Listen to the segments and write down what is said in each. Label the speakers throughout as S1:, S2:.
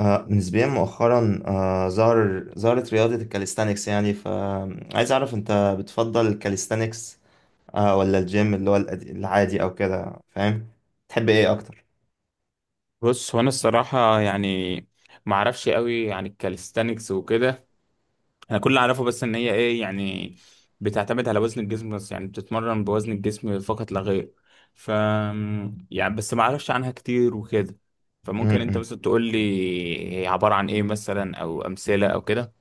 S1: نسبيا مؤخرا ظهرت رياضة الكاليستانكس، يعني فعايز أعرف أنت بتفضل الكاليستانكس ولا الجيم اللي هو العادي أو كده فاهم، تحب إيه أكتر؟
S2: بص، هو انا الصراحه يعني ما اعرفش قوي عن الكاليستانكس وكده. انا كل اللي اعرفه بس ان هي ايه يعني بتعتمد على وزن الجسم بس، يعني بتتمرن بوزن الجسم فقط لا غير. ف يعني بس ما اعرفش عنها كتير وكده، فممكن انت
S1: م-م.
S2: مثلا تقول لي هي عباره عن ايه، مثلا او امثله او كده.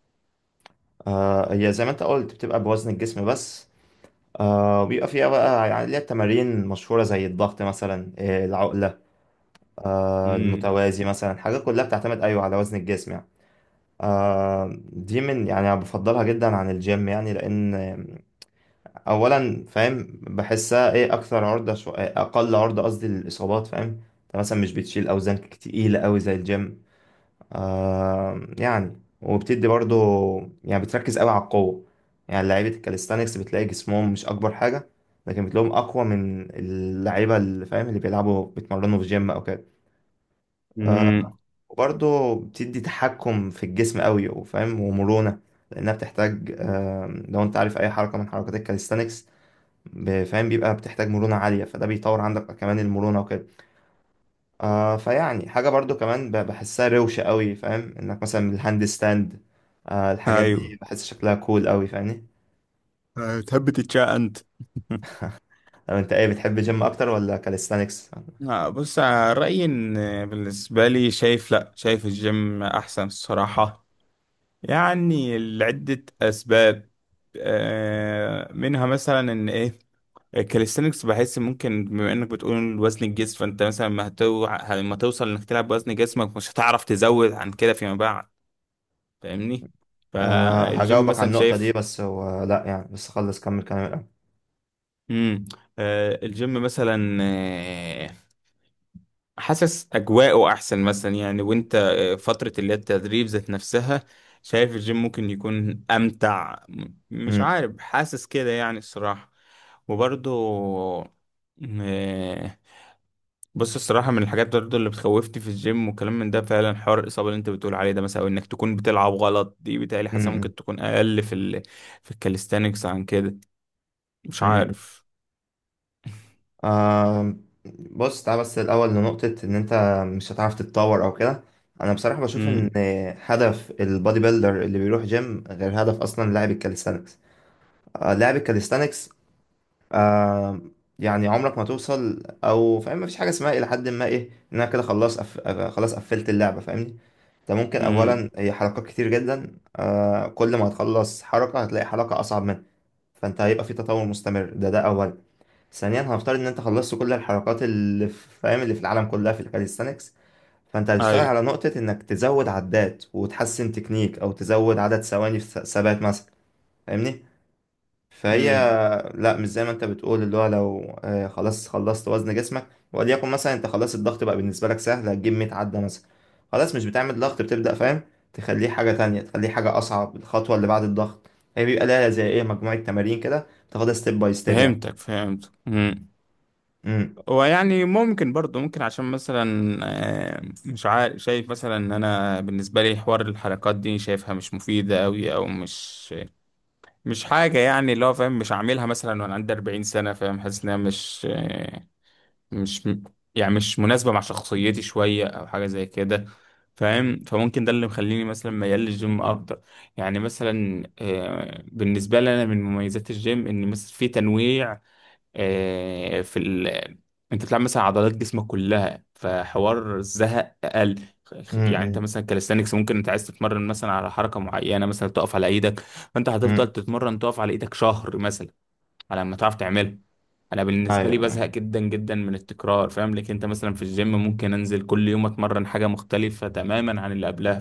S1: هي زي ما أنت قلت بتبقى بوزن الجسم بس. وبيبقى فيها بقى، يعني ليها تمارين مشهورة زي الضغط مثلا، العقلة،
S2: امم،
S1: المتوازي مثلا، حاجات كلها بتعتمد أيوه على وزن الجسم يعني. دي من، يعني أنا بفضلها جدا عن الجيم يعني. لأن اولا فاهم، بحسها ايه اكثر عرضه إيه اقل عرضه، قصدي للاصابات فاهم. انت مثلا مش بتشيل اوزان تقيله قوي زي الجيم. يعني وبتدي برضو، يعني بتركز قوي على القوه. يعني لعيبه الكاليستانكس بتلاقي جسمهم مش اكبر حاجه، لكن بتلاقيهم اقوى من اللعيبه اللي فاهم اللي بيلعبوا بيتمرنوا في جيم او كده.
S2: امم،
S1: وبرضو بتدي تحكم في الجسم قوي وفاهم ومرونه، لانها بتحتاج، لو انت عارف اي حركه من حركات الكاليستانكس، فاهم بيبقى بتحتاج مرونة عالية، فده بيطور عندك كمان المرونة وكده. فيعني حاجة برضو كمان بحسها روشة قوي، فاهم انك مثلا الهاند ستاند، الحاجات دي
S2: ايوه.
S1: بحس شكلها كول قوي فاهمني.
S2: تحب تتشاء انت؟
S1: لو انت ايه بتحب جيم اكتر ولا كاليستانكس؟
S2: آه بص آه، رأيي إن بالنسبة لي شايف، لأ، شايف الجيم أحسن الصراحة، يعني لعدة أسباب. منها مثلا إن إيه الكاليستانكس، بحس ممكن بما إنك بتقول وزن الجسم، فأنت مثلا ما هتو... لما توصل إنك تلعب بوزن جسمك مش هتعرف تزود عن كده فيما بعد، فاهمني؟ فالجيم
S1: هجاوبك على
S2: مثلا
S1: النقطة دي،
S2: شايف.
S1: بس هو لا يعني بس خلص كمل كلامك.
S2: مم. الجيم مثلا، حاسس اجواءه احسن مثلا، يعني وانت فترة اللي هي التدريب ذات نفسها، شايف الجيم ممكن يكون امتع. مش عارف، حاسس كده يعني الصراحة. وبرضو م- بص الصراحة من الحاجات برضو اللي بتخوفتي في الجيم وكلام من ده، فعلا حوار الإصابة اللي أنت بتقول عليه ده مثلا، أو إنك تكون بتلعب غلط، دي بتهيألي حاسة ممكن تكون أقل في في الكاليستانكس عن كده، مش
S1: امم.
S2: عارف.
S1: آه بص تعال بس الأول لنقطة إن أنت مش هتعرف تتطور أو كده. أنا بصراحة بشوف إن
S2: امم.
S1: هدف البودي بيلدر اللي بيروح جيم غير هدف أصلا لاعب الكاليستانكس. لاعب الكاليستانكس، آه يعني عمرك ما توصل أو فاهم، مفيش حاجة اسمها إلى حد ما إيه، إن أنا كده خلاص أف... آه، خلاص قفلت اللعبة فاهمني. أنت ممكن أولا
S2: امم.
S1: هي حركات كتير جدا، كل ما هتخلص حركة هتلاقي حركة أصعب منها. فأنت هيبقى في تطور مستمر، ده أولا. ثانيا هنفترض ان انت خلصت كل الحركات اللي في فاهم اللي في العالم كلها في الكاليستانكس، فانت هتشتغل
S2: أيوه.
S1: على نقطة انك تزود عدات وتحسن تكنيك او تزود عدد ثواني في ثبات مثلا. فاهمني. فهي
S2: امم.
S1: لا، مش زي ما انت بتقول اللي هو لو خلاص خلصت وزن جسمك. وليكن مثلا انت خلاص الضغط بقى بالنسبة لك سهل، هتجيب 100 عدة مثلا، خلاص مش بتعمل ضغط، بتبدأ فاهم تخليه حاجة تانية، تخليه حاجة أصعب. الخطوة اللي بعد الضغط هي بيبقى لها زي إيه مجموعة تمارين كده تاخدها ستيب باي ستيب يعني.
S2: فهمتك، فهمت.
S1: امم
S2: ويعني ممكن برضه ممكن عشان مثلا، مش عارف، شايف مثلا ان انا بالنسبه لي حوار الحركات دي شايفها مش مفيده قوي، او مش حاجه يعني، اللي هو فاهم مش عاملها مثلا وانا عندي 40 سنه، فاهم، حاسس انها مش مش م- يعني مش مناسبه مع شخصيتي شويه او حاجه زي كده، فاهم؟ فممكن ده اللي مخليني مثلا ميال للجيم اكتر. يعني مثلا بالنسبه لي انا من مميزات الجيم ان مثلا في تنويع، آه، في ال... انت بتلعب مثلا عضلات جسمك كلها فحوار الزهق اقل.
S1: امم
S2: يعني انت
S1: امم،
S2: مثلا كاليستانكس ممكن انت عايز تتمرن مثلا على حركه معينه، مثلا تقف على ايدك، فانت
S1: امم.
S2: هتفضل تتمرن تقف على ايدك شهر مثلا على ما تعرف تعملها. انا بالنسبه لي
S1: ايوه ايوه.
S2: بزهق جدا جدا من التكرار، فاهم لك، انت مثلا في الجيم ممكن انزل كل يوم اتمرن حاجه مختلفه تماما عن اللي قبلها،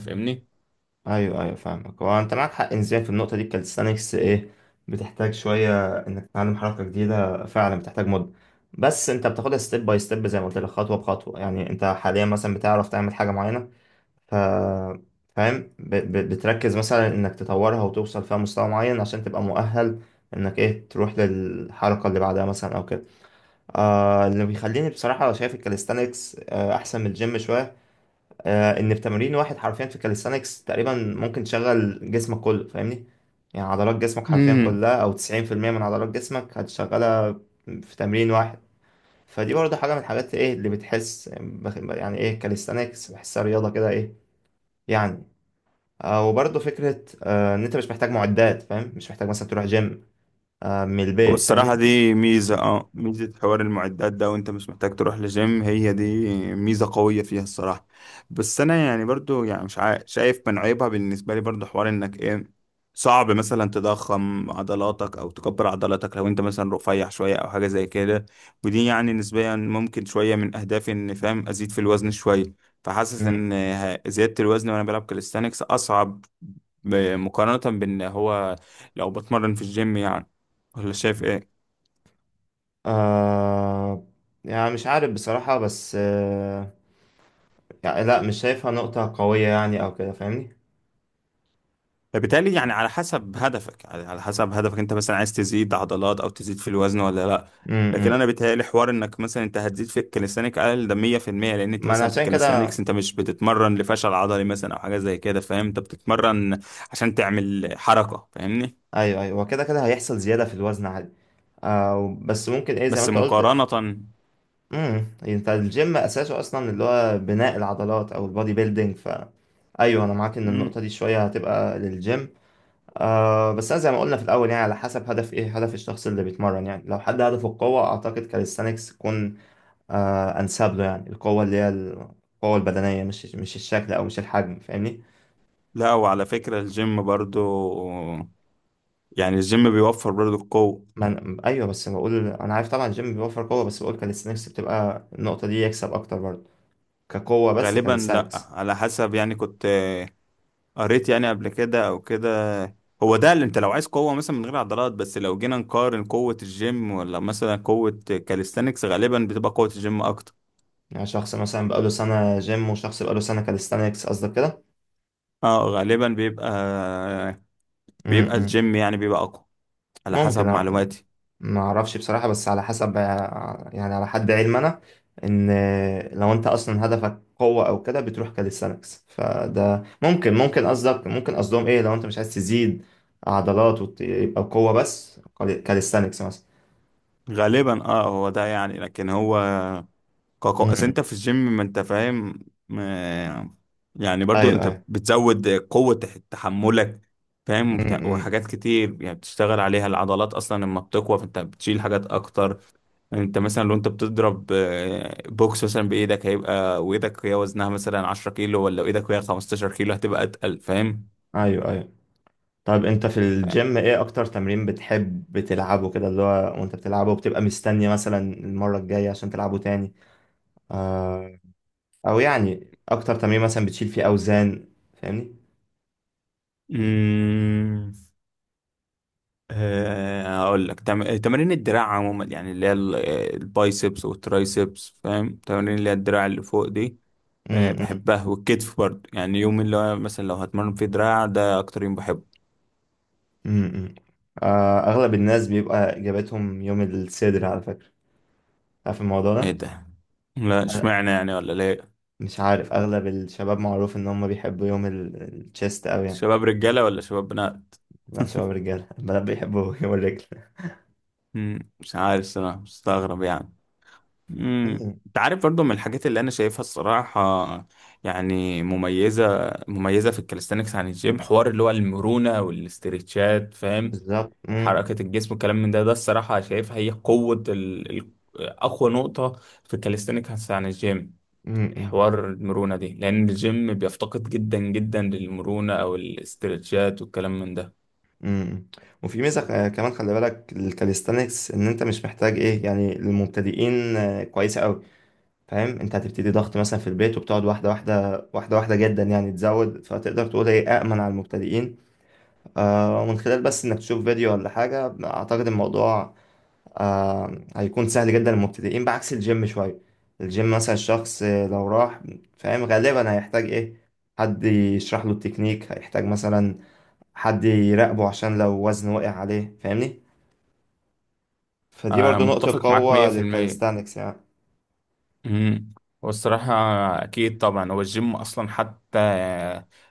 S1: ايوه ايوه فاهمك. هو انت معاك حق نسبيا في النقطه دي. الكاليستانكس ايه، بتحتاج شويه انك تتعلم حركه جديده، فعلا بتحتاج مده، بس انت بتاخدها ستيب باي ستيب زي ما قلت لك، خطوه بخطوه يعني. انت حاليا مثلا بتعرف تعمل حاجه معينه، ف فاهم بتركز مثلا انك تطورها وتوصل فيها مستوى معين عشان تبقى مؤهل انك ايه تروح للحركه اللي بعدها مثلا او كده. اللي بيخليني بصراحه شايف الكاليستانكس احسن من الجيم شويه، ان في تمرين واحد حرفيا في كاليستانكس تقريبا ممكن تشغل جسمك كله فاهمني. يعني عضلات جسمك حرفيا
S2: فاهمني؟
S1: كلها او 90% من عضلات جسمك هتشغلها في تمرين واحد. فدي برضه حاجة من الحاجات ايه اللي بتحس يعني ايه، كاليستانكس بحسها رياضة كده ايه يعني. وبرضه فكرة ان انت مش محتاج معدات، فاهم مش محتاج مثلا تروح جيم، من البيت
S2: والصراحة
S1: فاهمني.
S2: دي ميزة، اه، ميزة، حوار المعدات ده وانت مش محتاج تروح لجيم، هي دي ميزة قوية فيها الصراحة. بس انا يعني برضو يعني مش عا- شايف من عيبها بالنسبة لي برضو حوار انك ايه صعب مثلا تضخم عضلاتك او تكبر عضلاتك لو انت مثلا رفيع شوية او حاجة زي كده، ودي يعني نسبيا ممكن شوية من اهدافي ان فاهم ازيد في الوزن شوية. فحاسس
S1: مم.
S2: ان زيادة الوزن وانا بلعب كاليستانكس اصعب، مقارنة بان هو لو بتمرن في الجيم يعني، ولا شايف ايه؟
S1: آه، يعني مش عارف بصراحة بس، يعني لا مش شايفها نقطة قوية يعني او كده فاهمني.
S2: بالتالي يعني على حسب هدفك، على حسب هدفك انت مثلا عايز تزيد عضلات او تزيد في الوزن ولا لا.
S1: مم.
S2: لكن
S1: مم.
S2: انا بيتهيألي حوار انك مثلا انت هتزيد في الكاليستانيك اقل، ده 100%، لان انت
S1: ما انا
S2: مثلا في
S1: عشان كده
S2: الكاليستانيكس انت مش بتتمرن لفشل عضلي مثلا او حاجه زي كده، فاهم؟ انت بتتمرن عشان تعمل حركه، فاهمني؟
S1: ايوه ايوه كده كده هيحصل زياده في الوزن عادي. بس ممكن ايه زي ما
S2: بس
S1: انت قلت.
S2: مقارنه.
S1: امم، انت الجيم اساسه اصلا اللي هو بناء العضلات او البودي بيلدينج، ف ايوه انا معاك ان
S2: مم.
S1: النقطه دي شويه هتبقى للجيم. بس انا زي ما قلنا في الاول، يعني على حسب هدف، ايه هدف الشخص اللي بيتمرن يعني. لو حد هدفه القوه، اعتقد كاليستانكس تكون انسب له، يعني القوه اللي هي القوه البدنيه، مش الشكل او مش الحجم فاهمني.
S2: لا، وعلى فكره الجيم برضو، يعني الجيم بيوفر برضو القوه.
S1: ما أنا... ايوه بس بقول انا عارف طبعا الجيم بيوفر قوه، بس بقول كاليستانكس بتبقى النقطه دي يكسب اكتر برضه، كقوه بس
S2: غالبا لا،
S1: كاليستانكس.
S2: على حسب يعني، كنت قريت يعني قبل كده او كده، هو ده اللي انت لو عايز قوة مثلا من غير عضلات. بس لو جينا نقارن قوة الجيم ولا مثلا قوة كاليستانكس، غالبا بتبقى قوة الجيم اكتر.
S1: يعني شخص مثلا بقاله سنه جيم وشخص بقاله سنه كاليستانكس قصدك كده.
S2: اه غالبا بيبقى، بيبقى
S1: امم.
S2: الجيم يعني بيبقى اقوى، على
S1: ممكن
S2: حسب
S1: أ...
S2: معلوماتي.
S1: ما اعرفش بصراحه، بس على حسب يعني على حد علم انا، ان لو انت اصلا هدفك قوه او كده بتروح كاليستانكس، فده ممكن قصدك، ممكن قصدهم ايه، لو انت مش عايز تزيد عضلات ويبقى قوه بس، كاليستانكس مثلا.
S2: غالبا اه هو ده يعني، لكن هو كاكو
S1: م-
S2: اصل انت
S1: م.
S2: في الجيم ما انت فاهم، ما- يعني برضو
S1: ايوه
S2: انت
S1: ايوه.
S2: بتزود قوة تحملك، فاهم،
S1: امم.
S2: وحاجات كتير يعني بتشتغل عليها العضلات، اصلا لما بتقوى فانت بتشيل حاجات اكتر. انت مثلا لو انت بتضرب بوكس مثلا بايدك، هيبقى وايدك هي وزنها مثلا 10 كيلو ولا ايدك هي 15 كيلو هتبقى اتقل، فاهم؟
S1: ايوه ايوه، طيب انت في الجيم ايه اكتر تمرين بتحب تلعبه كده اللي هو وانت بتلعبه بتبقى مستني مثلا المرة الجاية عشان تلعبه تاني، آه او يعني اكتر تمرين مثلا بتشيل فيه اوزان فاهمني.
S2: مم. هقول لك، تمارين الدراع عموما يعني، اللي هي البايسبس والترايسبس، فاهم، تمارين اللي هي الدراع اللي فوق دي،
S1: امم
S2: بحبها، والكتف برضه، يعني يوم اللي هو مثلا لو هتمرن فيه دراع ده اكتر يوم بحبه.
S1: امم. اغلب الناس بيبقى اجابتهم يوم الصدر على فكرة، عارف الموضوع
S2: ايه
S1: ده؟
S2: ده؟ لا
S1: أنا
S2: اشمعنى يعني، ولا ليه؟
S1: مش عارف، اغلب الشباب معروف ان هم بيحبوا يوم التشيست اوي يعني.
S2: شباب رجالة ولا شباب بنات؟
S1: لا شباب رجالة، البنات بيحبوا يوم الرجل.
S2: مم، مش عارف صراحة، مستغرب يعني. امم،
S1: مم.
S2: انت عارف برضو من الحاجات اللي انا شايفها الصراحه يعني مميزه في الكاليستانكس عن الجيم، حوار اللي هو المرونه والاسترتشات، فاهم،
S1: بالظبط. مم.
S2: حركه الجسم والكلام من ده الصراحه شايفها هي قوه اقوى نقطه في الكاليستانكس عن الجيم،
S1: مم.
S2: حوار المرونه دي، لان الجيم بيفتقد جدا جدا للمرونه او الاسترتشات والكلام من ده.
S1: امم. وفي ميزة كمان، خلي بالك الكاليستانكس ان انت مش محتاج ايه يعني للمبتدئين، كويسة قوي فاهم. انت هتبتدي ضغط مثلا في البيت، وبتقعد واحدة واحدة واحدة واحدة جدا يعني تزود، فتقدر تقول هي أأمن على المبتدئين. ومن خلال بس انك تشوف فيديو ولا حاجة، اعتقد الموضوع هيكون سهل جدا للمبتدئين بعكس الجيم شوية. الجيم مثلا الشخص، لو راح فاهم غالبا هيحتاج ايه، حد يشرح له التكنيك، هيحتاج مثلا حد يراقبه عشان لو وزن وقع عليه فاهمني. فدي
S2: آه
S1: برضو نقطة
S2: متفق معاك
S1: قوة
S2: 100%.
S1: للكاليستانكس يعني.
S2: امم. والصراحة، أكيد طبعا هو الجيم أصلا حتى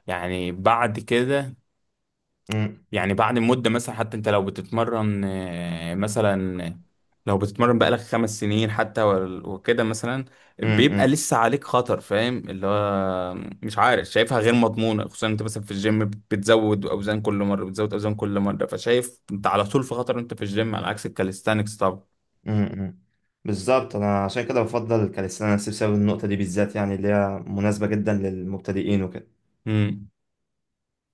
S2: يعني بعد كده،
S1: مم.
S2: يعني بعد مدة مثلا، حتى أنت لو بتتمرن مثلا لو بتتمرن بقالك 5 سنين حتى وكده مثلا،
S1: مم.
S2: بيبقى
S1: مم.
S2: لسه عليك خطر، فاهم اللي هو، مش عارف شايفها غير مضمونة، خصوصا أنت مثلا في الجيم بتزود أوزان كل مرة بتزود أوزان كل مرة، فشايف أنت على طول في خطر، أنت في الجيم على عكس الكاليستانكس.
S1: مم. مم. بالظبط، انا عشان كده بفضل الكاليستانكس بسبب النقطة دي بالذات، يعني اللي هي مناسبة جدا للمبتدئين وكده
S2: طبعا.